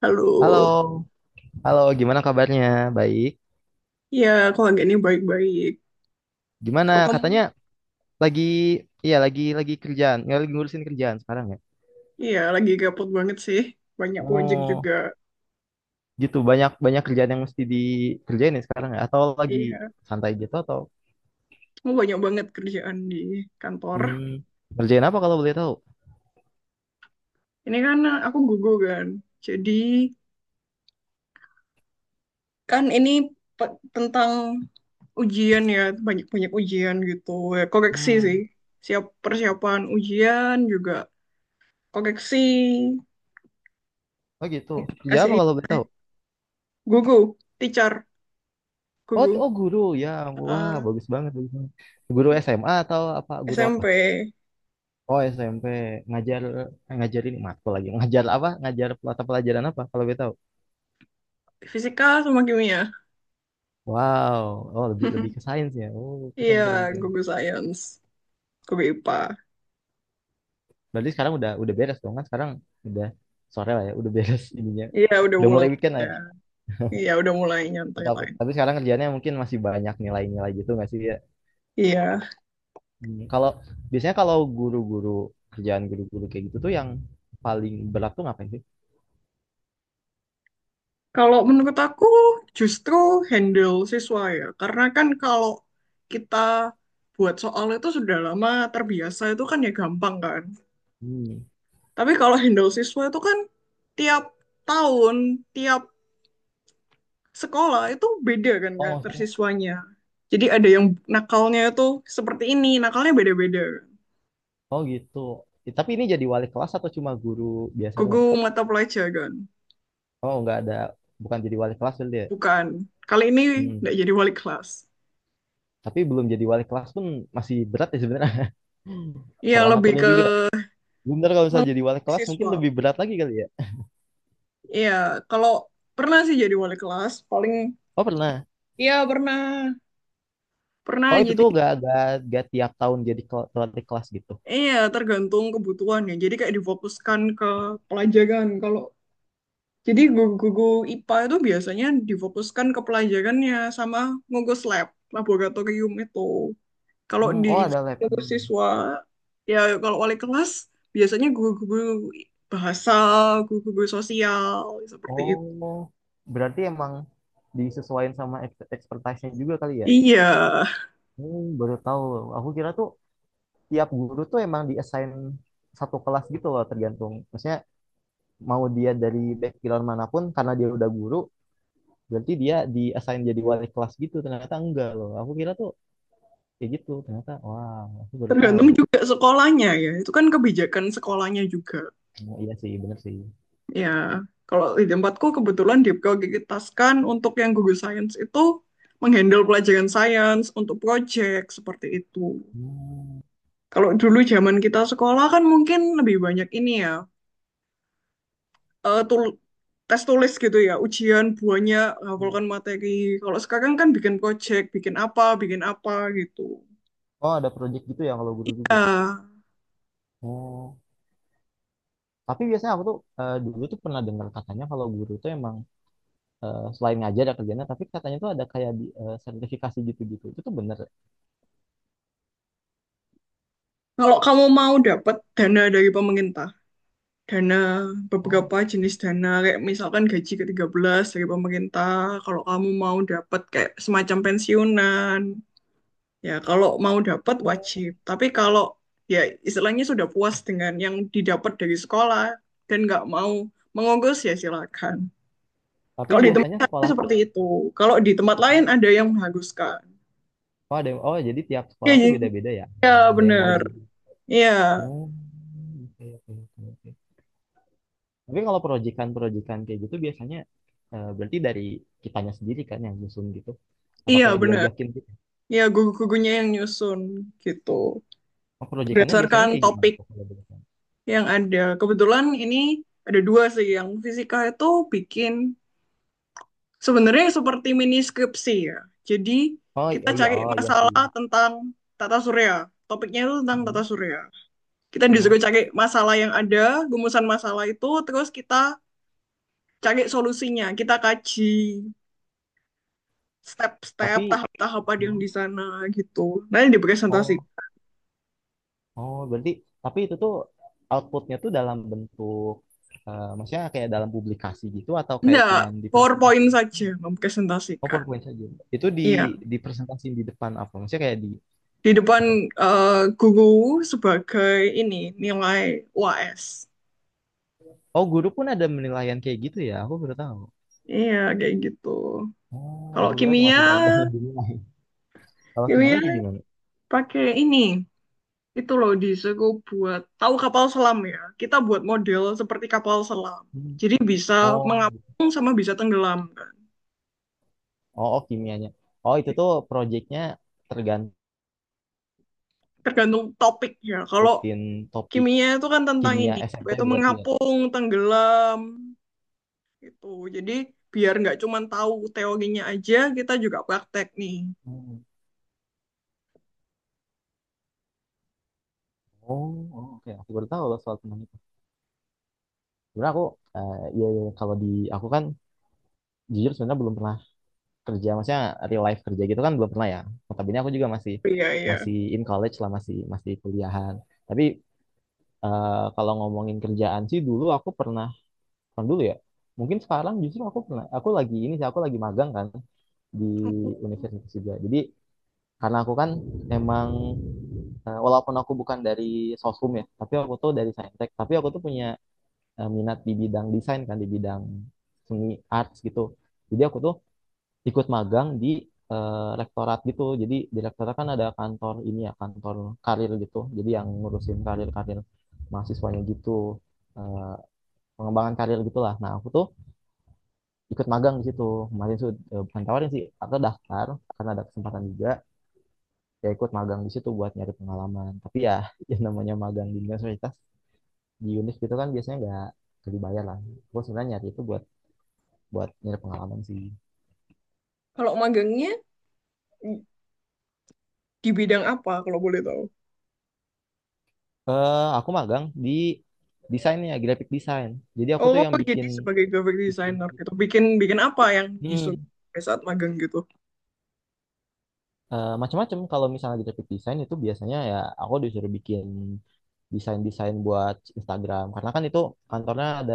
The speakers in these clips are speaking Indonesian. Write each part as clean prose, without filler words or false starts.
Halo, Halo, halo, gimana kabarnya? Baik. ya kalau nggak ini baik-baik. Gimana? Kalau Katanya kamu, lagi, iya lagi kerjaan, nggak lagi ngurusin kerjaan sekarang ya? ya lagi gabut banget sih, banyak proyek juga. Oh, gitu. Banyak banyak kerjaan yang mesti dikerjain ya sekarang ya? Atau lagi Iya, santai gitu atau kamu banyak banget kerjaan di kantor. Kerjain apa kalau boleh tahu? Ini kan aku gugur kan, jadi kan ini tentang ujian ya, banyak-banyak ujian gitu. Ya, koreksi sih, Hmm, siap persiapan ujian juga, koreksi, oh gitu. Kerja kasih apa ini kalau boleh tahu? gugu, teacher, Oh, t- gugu, oh guru ya. Wah, Eh, bagus banget, bagus banget. Guru SMA atau apa? Guru apa? SMP, Oh SMP, ngajar, ngajarin matkul, lagi ngajar apa, ngajar mata pelajaran apa kalau boleh tahu? fisika sama kimia. Wow, oh lebih lebih ke sains ya. Oh, keren Iya, keren keren. Google Science, Google IPA. Berarti sekarang udah beres dong kan? Sekarang udah sore lah ya, udah beres ininya. Iya, udah Udah pulang mulai weekend lah ya. ya. Iya, udah mulai nyantai Tapi lain. tapi sekarang kerjanya mungkin masih banyak nilai-nilai gitu nggak sih ya? Iya. Hmm. Kalau biasanya kalau guru-guru, kerjaan guru-guru kayak gitu tuh yang paling berat tuh ngapain sih? Kalau menurut aku justru handle siswa ya. Karena kan kalau kita buat soal itu sudah lama terbiasa itu kan ya gampang kan. Hmm. Tapi kalau handle siswa itu kan tiap tahun, tiap sekolah itu beda kan Oh, karakter maksudnya, siswanya. Jadi ada yang nakalnya itu seperti ini, nakalnya beda-beda. oh gitu. Tapi ini jadi wali kelas atau cuma guru biasa doang? Gugu mata pelajaran. Oh, nggak ada, bukan jadi wali kelas berarti ya? Bukan. Kali ini Hmm. nggak jadi wali kelas. Tapi belum jadi wali kelas pun masih berat ya sebenarnya. Iya, Cara lebih ngaturnya ke juga. Bener, kalau mengurus misalnya jadi wali kelas mungkin siswa. lebih berat lagi kali ya. Iya, kalau pernah sih jadi wali kelas, paling Oh pernah. iya pernah. Pernah Oh itu jadi tuh gak tiap tahun jadi wali kelas gitu. iya tergantung kebutuhannya. Jadi kayak difokuskan ke pelajaran. Kalau jadi guru-guru IPA itu biasanya difokuskan ke pelajarannya sama ngugus lab, laboratorium itu. Kalau Hmm, di oh ada labnya. Hmm. siswa, ya kalau wali kelas, biasanya guru-guru bahasa, guru-guru sosial, seperti itu. Oh, berarti emang disesuaikan sama expertise-nya juga kali ya? Iya, Hmm, baru tahu. Aku kira tuh tiap guru tuh emang diassign satu kelas gitu loh, tergantung. Maksudnya mau dia dari background manapun, karena dia udah guru, berarti dia diassign jadi wali kelas gitu. Ternyata enggak loh. Aku kira tuh kayak gitu, ternyata wah, aku baru tahu. tergantung juga sekolahnya ya. Itu kan kebijakan sekolahnya juga. Oh, iya sih, bener sih. Ya, kalau di tempatku kebetulan diprioritaskan untuk yang guru sains itu menghandle pelajaran sains untuk project seperti itu. Hmm, Kalau dulu zaman kita sekolah kan mungkin lebih banyak ini ya, eh, tul tes tulis gitu ya, ujian buahnya hafalkan materi. Kalau sekarang kan bikin project, bikin apa gitu. oh ada project gitu ya kalau guru juga. Ah, Oh, tapi biasanya aku tuh, dulu tuh pernah dengar katanya kalau guru tuh emang, selain ngajar ada kerjanya, tapi katanya tuh ada kayak di sertifikasi gitu-gitu, itu tuh bener ya? kalau kamu mau dapat dana dari pemerintah, dana Oh. beberapa jenis dana kayak misalkan gaji ke-13 dari pemerintah, kalau kamu mau dapat kayak semacam pensiunan, ya kalau mau dapat wajib. Tapi kalau ya istilahnya sudah puas dengan yang didapat dari sekolah dan nggak mau mengurus ya silakan. Tapi Kalau di tempat biasanya saya sekolah tuh, seperti itu. Kalau di tempat lain ada yang menghanguskan. oh ada, oh jadi tiap Iya, sekolah iya, tuh beda-beda ya, iya, yang ada yang bener. wajib. Iya, Oh, oke oke oke oke. Tapi kalau proyekan-proyekan kayak gitu biasanya, berarti dari kitanya sendiri kan yang nyusun gitu, atau iya kayak bener. diajakin gitu. Iya, gugu-gugunya yang nyusun gitu. Oh, proyekannya biasanya Berdasarkan kayak gimana topik tuh kalau boleh tahu? yang ada. Kebetulan ini ada dua sih. Yang fisika itu bikin sebenarnya seperti mini skripsi ya. Jadi Oh iya kita iya, cari oh iya sih. masalah tentang tata surya. Topiknya itu tentang tata Mhm. surya. Kita disuruh Oh, cari masalah yang ada, gumusan masalah itu, terus kita cari solusinya, kita kaji step-step, tapi, tahap-tahap ada yang oh di sana gitu. Nanti dipresentasikan. oh oh, berarti, tapi itu tuh outputnya tuh dalam bentuk, maksudnya kayak dalam publikasi gitu, atau kayak Enggak, cuman di presentasi. PowerPoint saja Oh mempresentasikan. PowerPoint saja. Itu di Iya, dipresentasi di depan apa? Maksudnya kayak di di depan apa? eh, guru sebagai ini nilai UAS. Oh guru pun ada penilaian kayak gitu ya? Aku baru tahu. Iya, kayak gitu. Oh Kalau aku kira cuma kimia, siswanya doang yang dinilai. Kalau kimia kimia kayak gimana? pakai ini. Itu loh disuruh buat tahu kapal selam ya. Kita buat model seperti kapal selam. Hmm. Jadi bisa Oh, iya. mengapung sama bisa tenggelam kan. Oh, oh kimianya. Oh itu tuh proyeknya tergantung, Tergantung topiknya. Kalau ikutin topik, kimia itu kan tentang kimia ini, SMP yaitu berarti ya. mengapung, tenggelam, gitu. Jadi biar nggak cuma tahu teorinya aja, kita juga praktek nih. Hmm. Oh, oh, oke. Aku baru tahu loh soal tentang itu. Sebenarnya aku, iya, iya, iya. Kalau di aku kan, jujur sebenarnya belum pernah kerja, maksudnya real life kerja gitu kan belum pernah ya. Notabene aku juga masih, Iya, iya. masih in college lah, masih masih kuliahan. Tapi kalau ngomongin kerjaan sih, dulu aku pernah, bukan dulu ya. Mungkin sekarang justru aku pernah, aku lagi ini sih, aku lagi magang kan di universitas juga. Jadi, karena aku kan emang, walaupun aku bukan dari sosum ya, tapi aku tuh dari saintek. Tapi aku tuh punya, minat di bidang desain kan, di bidang seni, arts gitu. Jadi aku tuh ikut magang di, rektorat gitu. Jadi di rektorat kan ada kantor ini ya, kantor karir gitu. Jadi yang ngurusin karir-karir mahasiswanya gitu, eh, pengembangan karir gitulah. Nah aku tuh ikut magang di situ. Kemarin tuh, bukan tawarin sih, aku daftar karena ada kesempatan juga. Ya ikut magang di situ buat nyari pengalaman, tapi ya yang namanya magang di universitas, di univ gitu kan biasanya nggak dibayar lah. Gue sebenarnya nyari itu buat buat nyari pengalaman sih. Kalau magangnya di bidang apa kalau boleh tahu? Aku magang di desainnya, graphic design, jadi aku tuh Oh, yang jadi bikin. sebagai graphic designer gitu. Bikin bikin apa yang disuruh Hmm. pada saat magang gitu? Macam-macam, kalau misalnya graphic design itu biasanya ya aku disuruh bikin desain, desain buat Instagram, karena kan itu kantornya ada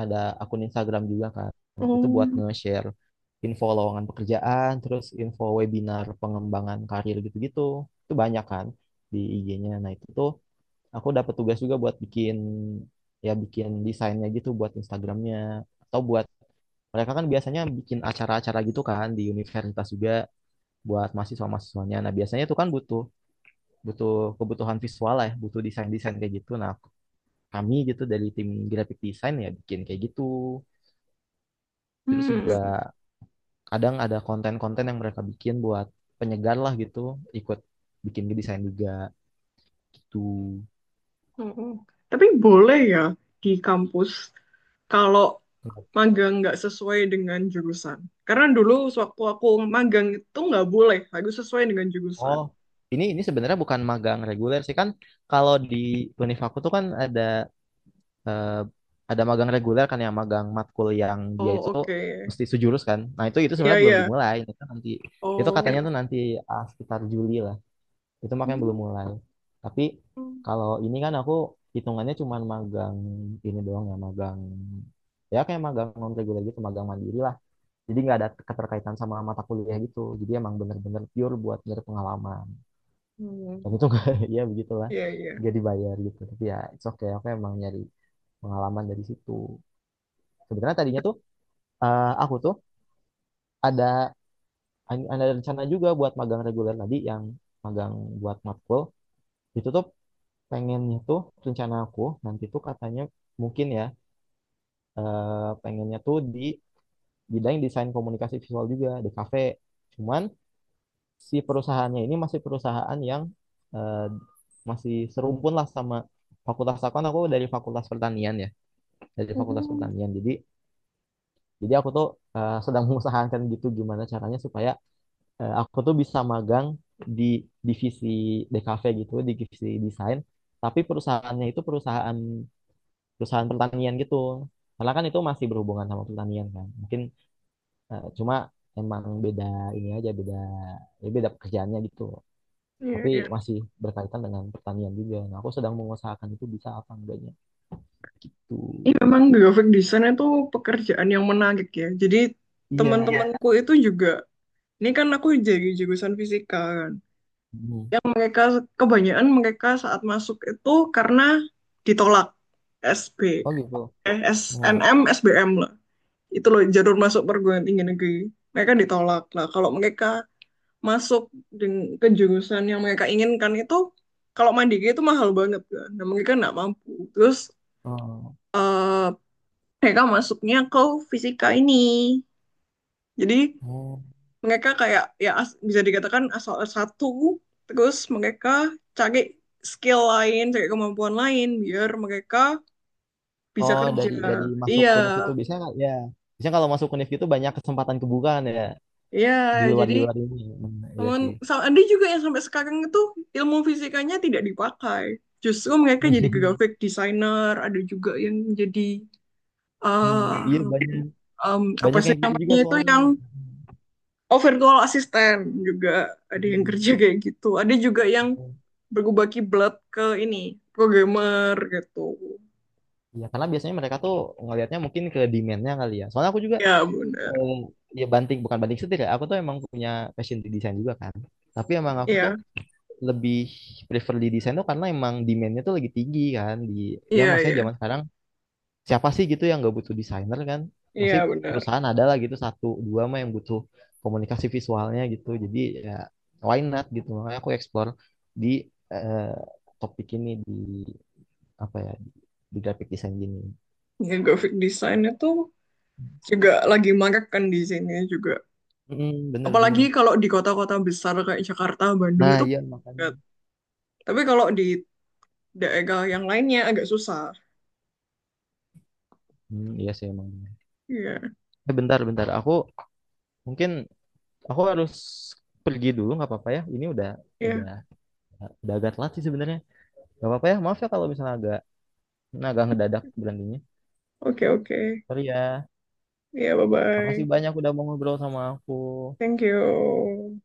ada akun Instagram juga kan, itu buat Oh. nge-share info lowongan pekerjaan, terus info webinar pengembangan karir gitu-gitu, itu banyak kan di IG-nya. Nah itu tuh aku dapat tugas juga buat bikin, ya bikin desainnya gitu buat Instagramnya, atau buat, mereka kan biasanya bikin acara-acara gitu kan di universitas juga buat mahasiswa-mahasiswanya. Nah, biasanya itu kan butuh butuh kebutuhan visual lah, ya, butuh desain-desain kayak gitu. Nah, aku, kami gitu dari tim graphic design ya bikin kayak gitu. Terus juga Hmm. kadang ada konten-konten yang mereka bikin buat penyegar lah gitu, ikut bikin desain juga gitu. Mm-mm. Tapi boleh ya di kampus kalau magang nggak sesuai dengan jurusan. Karena dulu sewaktu aku magang itu nggak boleh, harus sesuai dengan jurusan. Oh, ini sebenarnya bukan magang reguler sih kan. Kalau di univ aku tuh kan ada, eh, ada magang reguler kan, yang magang matkul, yang dia Oh itu oke, mesti sejurus kan. Nah, itu iya sebenarnya belum iya. dimulai. Itu nanti, itu Oh, ya. katanya tuh nanti, sekitar Juli lah. Itu makanya belum Hmm. mulai. Tapi kalau ini kan aku hitungannya cuma magang ini doang ya, magang ya kayak magang non reguler gitu, magang mandiri lah. Jadi nggak ada keterkaitan sama mata kuliah gitu, jadi emang bener-bener pure buat nyari pengalaman, dan Hmm. itu nggak ya begitulah, Iya iya. gak dibayar gitu, tapi ya it's okay, aku emang nyari pengalaman dari situ. Sebenarnya tadinya tuh, aku tuh ada ada rencana juga buat magang reguler tadi, yang magang buat matkul. Itu tuh pengennya tuh, rencana aku nanti tuh katanya, mungkin ya, eh, pengennya tuh di bidang desain komunikasi visual juga di kafe. Cuman si perusahaannya ini masih perusahaan yang, eh, masih serumpun lah sama fakultas aku kan, aku dari fakultas pertanian ya, dari fakultas Oh, pertanian. Jadi aku tuh, sedang mengusahakan gitu gimana caranya supaya, aku tuh bisa magang di divisi DKV gitu, di divisi desain, tapi perusahaannya itu perusahaan perusahaan pertanian gitu. Karena kan itu masih berhubungan sama pertanian kan. Mungkin, cuma emang beda ini aja, beda, ya beda pekerjaannya gitu. iya Tapi iya. masih berkaitan dengan pertanian juga. Nah, aku sedang mengusahakan itu bisa apa enggaknya gitu. Ini memang graphic design itu pekerjaan yang menarik ya. Jadi iya. Iya. Teman-temanku itu juga, ini kan aku jadi jurusan fisika kan. Hmm. Yang mereka kebanyakan mereka saat masuk itu karena ditolak SB Oh gitu. Hmm. SNM SBM lah, itu loh jalur masuk perguruan tinggi negeri. Mereka ditolak lah, kalau mereka masuk ke jurusan yang mereka inginkan itu kalau mandiri itu mahal banget kan, dan mereka nggak mampu. Terus Oh. eh, mereka masuknya ke fisika ini. Jadi Oh. mereka kayak ya bisa dikatakan asal satu, terus mereka cari skill lain, cari kemampuan lain biar mereka bisa Oh, kerja. dari masuk Iya univ itu bisa nggak? Ya. Biasanya kalau masuk univ itu banyak kesempatan kebukaan ya, iya. di luar Jadi di luar ini. Hmm, iya sih. teman sama ada juga yang sampai sekarang itu ilmu fisikanya tidak dipakai, justru mereka jadi graphic designer. Ada juga yang jadi Hmm, iya eh, banyak. Apa Banyak sih yang gitu namanya juga itu soalnya. yang overall assistant, juga ada yang kerja Hmm. kayak gitu. Ada juga yang berbagi blood ke ini programmer gitu. Ya karena biasanya mereka tuh ngelihatnya mungkin ke demand-nya kali ya, soalnya aku juga, Ya benar. eh, ya banting, bukan banting setir ya, aku tuh emang punya passion di desain juga kan. Tapi emang aku tuh Ya lebih prefer di desain tuh karena emang demand-nya tuh lagi tinggi kan di, ya iya maksudnya iya. zaman sekarang siapa sih gitu yang nggak butuh desainer kan. Iya Masih, benar. perusahaan ada lah gitu satu dua mah yang butuh komunikasi visualnya gitu. Jadi ya, why not gitu, makanya aku explore di, eh, topik ini di apa ya, di graphic design gini. Ya graphic design itu juga lagi marak kan di sini juga, Mm, apalagi bener-bener. kalau di kota-kota besar kayak Jakarta Bandung Nah, itu iya makanya. banget. Tapi kalau di daerah yang lainnya agak susah. Hmm, iya sih emang. Iya Eh, bentar, bentar. Aku mungkin aku harus pergi dulu, nggak apa-apa ya. Ini iya. udah udah agak telat sih sebenarnya. Nggak apa-apa ya. Maaf ya kalau misalnya agak, nah, agak ngedadak berhentinya. Oke oke. Sorry ya. Iya, bye Makasih bye. banyak udah mau ngobrol sama aku. Thank you.